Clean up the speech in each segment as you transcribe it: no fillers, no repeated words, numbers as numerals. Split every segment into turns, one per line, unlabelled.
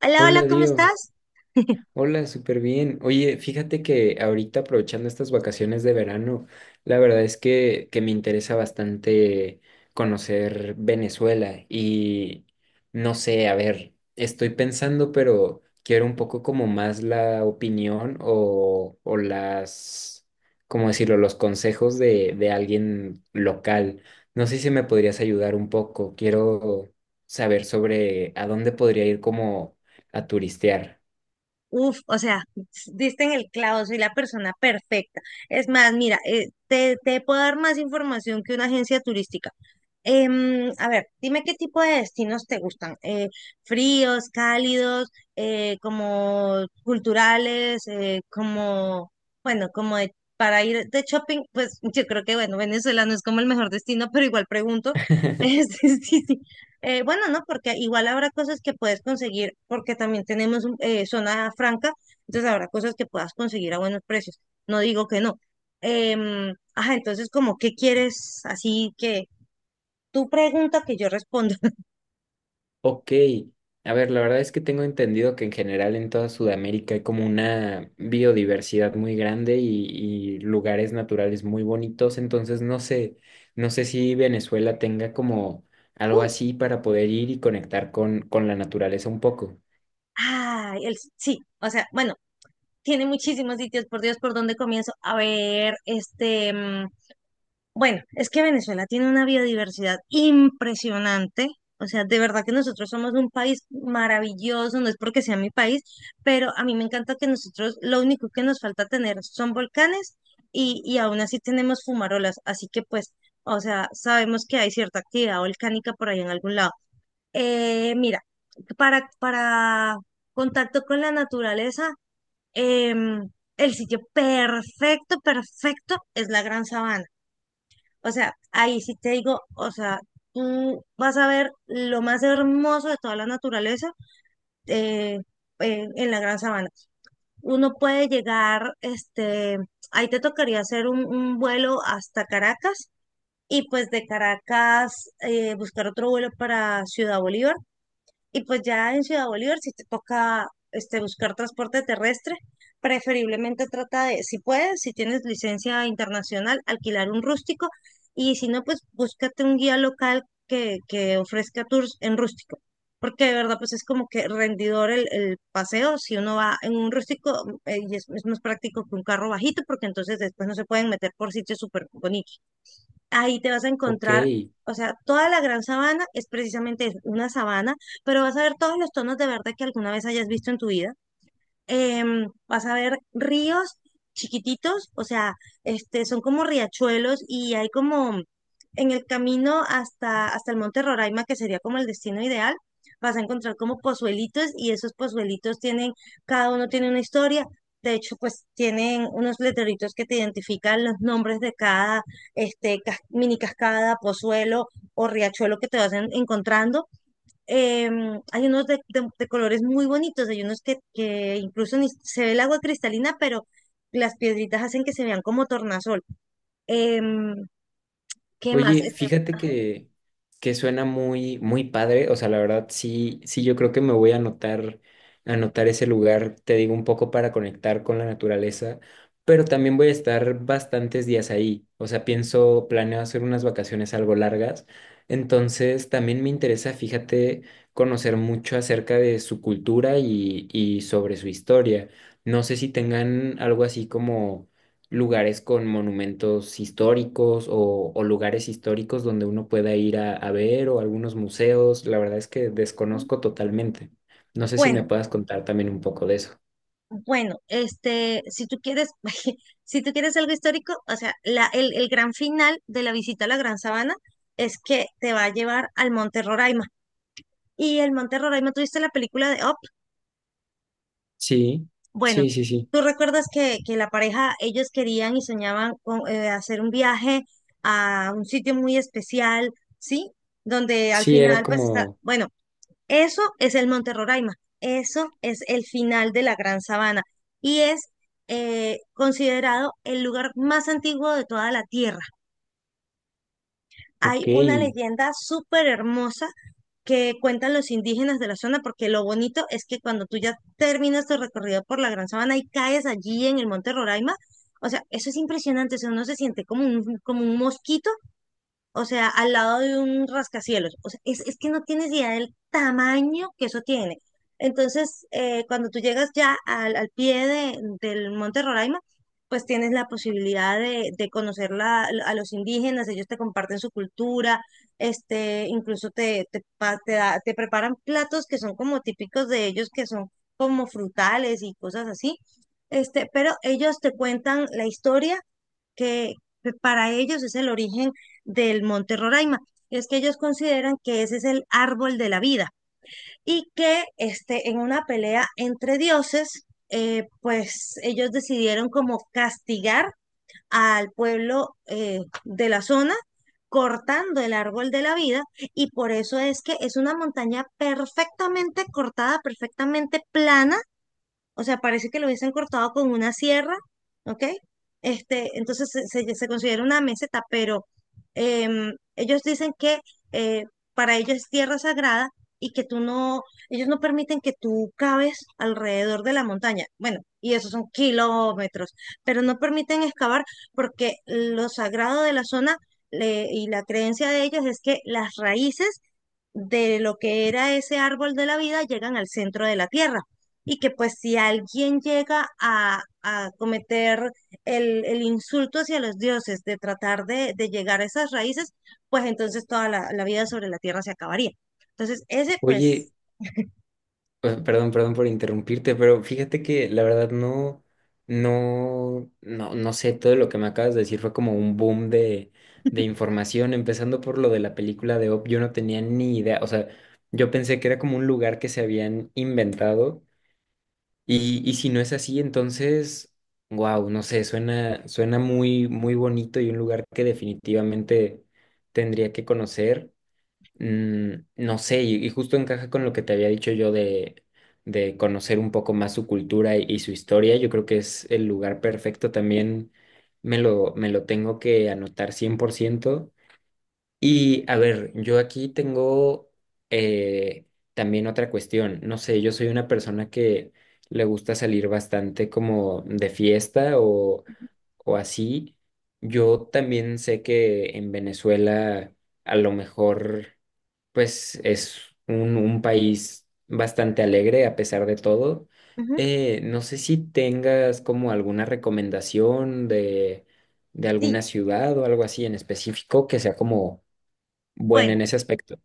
Hola, hola,
Hola,
¿cómo
Dios.
estás?
Hola, súper bien. Oye, fíjate que ahorita aprovechando estas vacaciones de verano, la verdad es que me interesa bastante conocer Venezuela y no sé, a ver, estoy pensando, pero quiero un poco como más la opinión o las, ¿cómo decirlo?, los consejos de alguien local. No sé si me podrías ayudar un poco. Quiero saber sobre a dónde podría ir como a turistear.
Uf, o sea, diste en el clavo, soy la persona perfecta. Es más, mira, te puedo dar más información que una agencia turística. A ver, dime qué tipo de destinos te gustan. Fríos, cálidos, como culturales, como, bueno, como para ir de shopping, pues yo creo que, bueno, Venezuela no es como el mejor destino, pero igual pregunto. Sí. Bueno, no, porque igual habrá cosas que puedes conseguir, porque también tenemos zona franca, entonces habrá cosas que puedas conseguir a buenos precios. No digo que no. Ajá, entonces, como, ¿qué quieres? Así que tú pregunta que yo respondo.
Ok, a ver, la verdad es que tengo entendido que en general en toda Sudamérica hay como una biodiversidad muy grande y lugares naturales muy bonitos, entonces no sé, no sé si Venezuela tenga como algo
Uh,
así para poder ir y conectar con la naturaleza un poco.
ay, sí, o sea, bueno, tiene muchísimos sitios, por Dios, ¿por dónde comienzo? A ver, bueno, es que Venezuela tiene una biodiversidad impresionante. O sea, de verdad que nosotros somos un país maravilloso, no es porque sea mi país, pero a mí me encanta que nosotros lo único que nos falta tener son volcanes y aún así tenemos fumarolas. Así que pues, o sea, sabemos que hay cierta actividad volcánica por ahí en algún lado. Mira, para contacto con la naturaleza, em, el sitio perfecto, perfecto es la Gran Sabana. O sea, ahí sí te digo, o sea, tú vas a ver lo más hermoso de toda la naturaleza, eh, en la Gran Sabana. Uno puede llegar, ahí te tocaría hacer un vuelo hasta Caracas y pues de Caracas buscar otro vuelo para Ciudad Bolívar y pues ya en Ciudad Bolívar, si te toca buscar transporte terrestre, preferiblemente trata de, si puedes, si tienes licencia internacional, alquilar un rústico y si no, pues búscate un guía local que ofrezca tours en rústico. Porque de verdad, pues es como que rendidor el paseo. Si uno va en un rústico, y es más práctico que un carro bajito, porque entonces después no se pueden meter por sitios súper bonitos. Ahí te vas a
Ok,
encontrar, o sea, toda la Gran Sabana es precisamente eso, una sabana, pero vas a ver todos los tonos de verde que alguna vez hayas visto en tu vida. Vas a ver ríos chiquititos, o sea, son como riachuelos y hay como en el camino hasta el Monte Roraima, que sería como el destino ideal. Vas a encontrar como pozuelitos y esos pozuelitos tienen, cada uno tiene una historia. De hecho, pues tienen unos letreritos que te identifican los nombres de cada mini cascada, pozuelo o riachuelo que te vas encontrando. Hay unos de colores muy bonitos, hay unos que incluso ni se ve el agua cristalina, pero las piedritas hacen que se vean como tornasol. Em, ¿Qué más?
oye,
Este,
fíjate
ajá,
que, suena muy, muy padre. O sea, la verdad, sí, sí, yo creo que me voy a anotar ese lugar, te digo, un poco para conectar con la naturaleza, pero también voy a estar bastantes días ahí. O sea, pienso, planeo hacer unas vacaciones algo largas. Entonces, también me interesa, fíjate, conocer mucho acerca de su cultura y sobre su historia. No sé si tengan algo así como lugares con monumentos históricos o lugares históricos donde uno pueda ir a ver o algunos museos. La verdad es que desconozco totalmente. No sé si me
Bueno,
puedas contar también un poco de eso.
bueno, si tú quieres algo histórico, o sea, el gran final de la visita a la Gran Sabana es que te va a llevar al Monte Roraima. Y el Monte Roraima, ¿tú viste la película de Up?
Sí,
Bueno,
sí, sí, sí.
tú recuerdas que la pareja, ellos querían y soñaban con hacer un viaje a un sitio muy especial, ¿sí? Donde al
Sí, era
final, pues está,
como,
bueno, eso es el Monte Roraima, eso es el final de la Gran Sabana y es considerado el lugar más antiguo de toda la Tierra.
ok,
Hay una leyenda súper hermosa que cuentan los indígenas de la zona, porque lo bonito es que cuando tú ya terminas tu recorrido por la Gran Sabana y caes allí en el Monte Roraima, o sea, eso es impresionante, o sea, uno se siente como un mosquito, o sea, al lado de un rascacielos. O sea, es que no tienes idea del tamaño que eso tiene. Entonces, cuando tú llegas ya al pie del Monte Roraima, pues tienes la posibilidad de conocer a los indígenas, ellos te comparten su cultura, incluso te, te, pa- te, da- te preparan platos que son como típicos de ellos, que son como frutales y cosas así. Pero ellos te cuentan la historia que que para ellos es el origen del Monte Roraima. Es que ellos consideran que ese es el árbol de la vida y que en una pelea entre dioses, pues ellos decidieron como castigar al pueblo de la zona cortando el árbol de la vida, y por eso es que es una montaña perfectamente cortada, perfectamente plana, o sea, parece que lo hubiesen cortado con una sierra, ¿ok? Entonces se considera una meseta, pero ellos dicen que eh, para ellos es tierra sagrada y que tú no, ellos no permiten que tú caves alrededor de la montaña. Bueno, y esos son kilómetros, pero no permiten excavar porque lo sagrado de la zona, y la creencia de ellos es que las raíces de lo que era ese árbol de la vida llegan al centro de la Tierra. Y que pues si alguien llega a cometer el insulto hacia los dioses, de tratar de llegar a esas raíces, pues entonces toda la vida sobre la Tierra se acabaría. Entonces, ese
oye,
pues,
pues, perdón, perdón por interrumpirte, pero fíjate que la verdad no, no, no, no sé, todo lo que me acabas de decir fue como un boom de información, empezando por lo de la película de Op, yo no tenía ni idea, o sea, yo pensé que era como un lugar que se habían inventado y si no es así, entonces, wow, no sé, suena muy, muy bonito y un lugar que definitivamente tendría que conocer. No sé, y justo encaja con lo que te había dicho yo de conocer un poco más su cultura y su historia. Yo creo que es el lugar perfecto también. Me lo tengo que anotar 100%. Y a ver, yo aquí tengo eh, también otra cuestión. No sé, yo soy una persona que le gusta salir bastante como de fiesta o así. Yo también sé que en Venezuela a lo mejor pues es un país bastante alegre a pesar de todo.
ujú,
No sé si tengas como alguna recomendación de
sí,
alguna ciudad o algo así en específico que sea como buena
bueno,
en ese aspecto.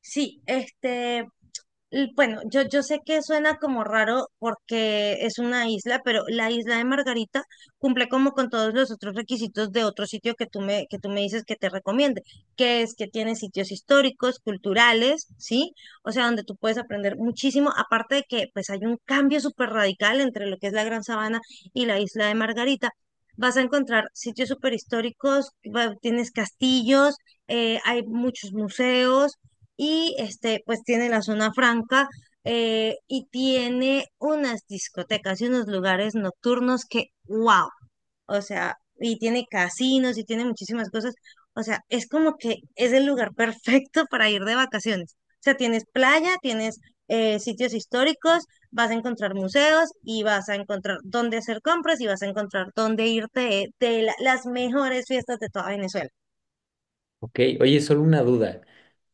sí, bueno, yo sé que suena como raro porque es una isla, pero la isla de Margarita cumple como con todos los otros requisitos de otro sitio que tú me dices que te recomiende, que es que tiene sitios históricos, culturales, ¿sí? O sea, donde tú puedes aprender muchísimo, aparte de que pues hay un cambio súper radical entre lo que es la Gran Sabana y la isla de Margarita. Vas a encontrar sitios súper históricos, tienes castillos, hay muchos museos y pues tiene la zona franca, y tiene unas discotecas y unos lugares nocturnos que, wow, o sea, y tiene casinos y tiene muchísimas cosas, o sea, es como que es el lugar perfecto para ir de vacaciones. O sea, tienes playa, tienes, sitios históricos, vas a encontrar museos y vas a encontrar dónde hacer compras y vas a encontrar dónde irte de las mejores fiestas de toda Venezuela.
Ok, oye, solo una duda.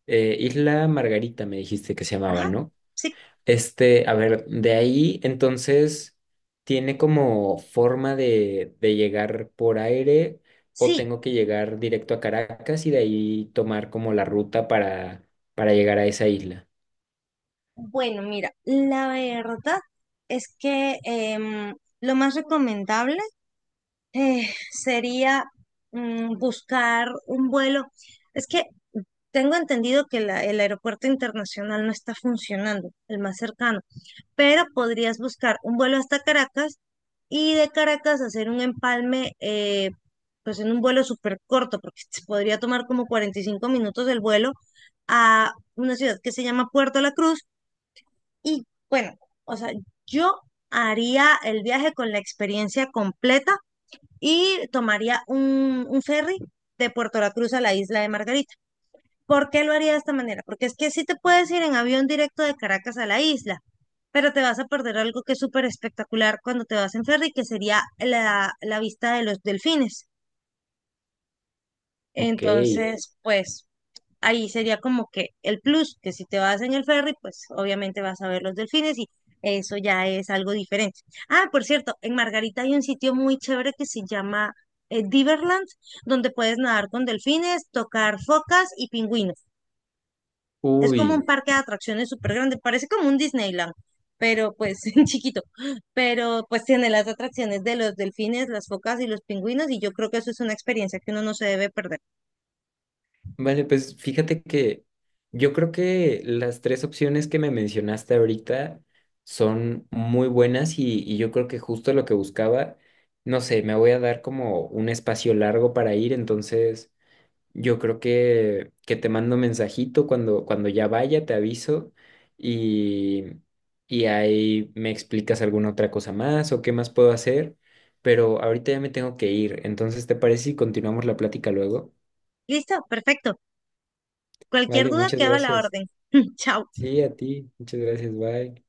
Isla Margarita me dijiste que se llamaba,
Ajá,
¿no?
sí,
Este, a ver, de ahí entonces tiene como forma de llegar por aire o
sí.
tengo que llegar directo a Caracas y de ahí tomar como la ruta para llegar a esa isla.
Bueno, mira, la verdad es que lo más recomendable sería buscar un vuelo. Es que tengo entendido que el aeropuerto internacional no está funcionando, el más cercano, pero podrías buscar un vuelo hasta Caracas y de Caracas hacer un empalme, pues en un vuelo súper corto, porque se podría tomar como 45 minutos el vuelo a una ciudad que se llama Puerto La Cruz. Y bueno, o sea, yo haría el viaje con la experiencia completa y tomaría un ferry de Puerto La Cruz a la isla de Margarita. ¿Por qué lo haría de esta manera? Porque es que sí te puedes ir en avión directo de Caracas a la isla, pero te vas a perder algo que es súper espectacular cuando te vas en ferry, que sería la vista de los delfines. Eh,
Ok.
Entonces, pues ahí sería como que el plus, que si te vas en el ferry, pues obviamente vas a ver los delfines y eso ya es algo diferente. Ah, por cierto, en Margarita hay un sitio muy chévere que se llama Diverland, donde puedes nadar con delfines, tocar focas y pingüinos. Es como un
Uy,
parque de atracciones súper grande, parece como un Disneyland, pero pues chiquito, pero pues tiene las atracciones de los delfines, las focas y los pingüinos, y yo creo que eso es una experiencia que uno no se debe perder.
vale, pues fíjate que yo creo que las tres opciones que me mencionaste ahorita son muy buenas y yo creo que justo lo que buscaba, no sé, me voy a dar como un espacio largo para ir, entonces... Yo creo que, te mando mensajito cuando ya vaya, te aviso y, y ahí me explicas alguna otra cosa más o qué más puedo hacer, pero ahorita ya me tengo que ir, entonces ¿te parece si continuamos la plática luego?
Listo, perfecto. Cualquier
Vale,
duda
muchas
queda a la
gracias.
orden. Chao.
Sí, a ti, muchas gracias, bye.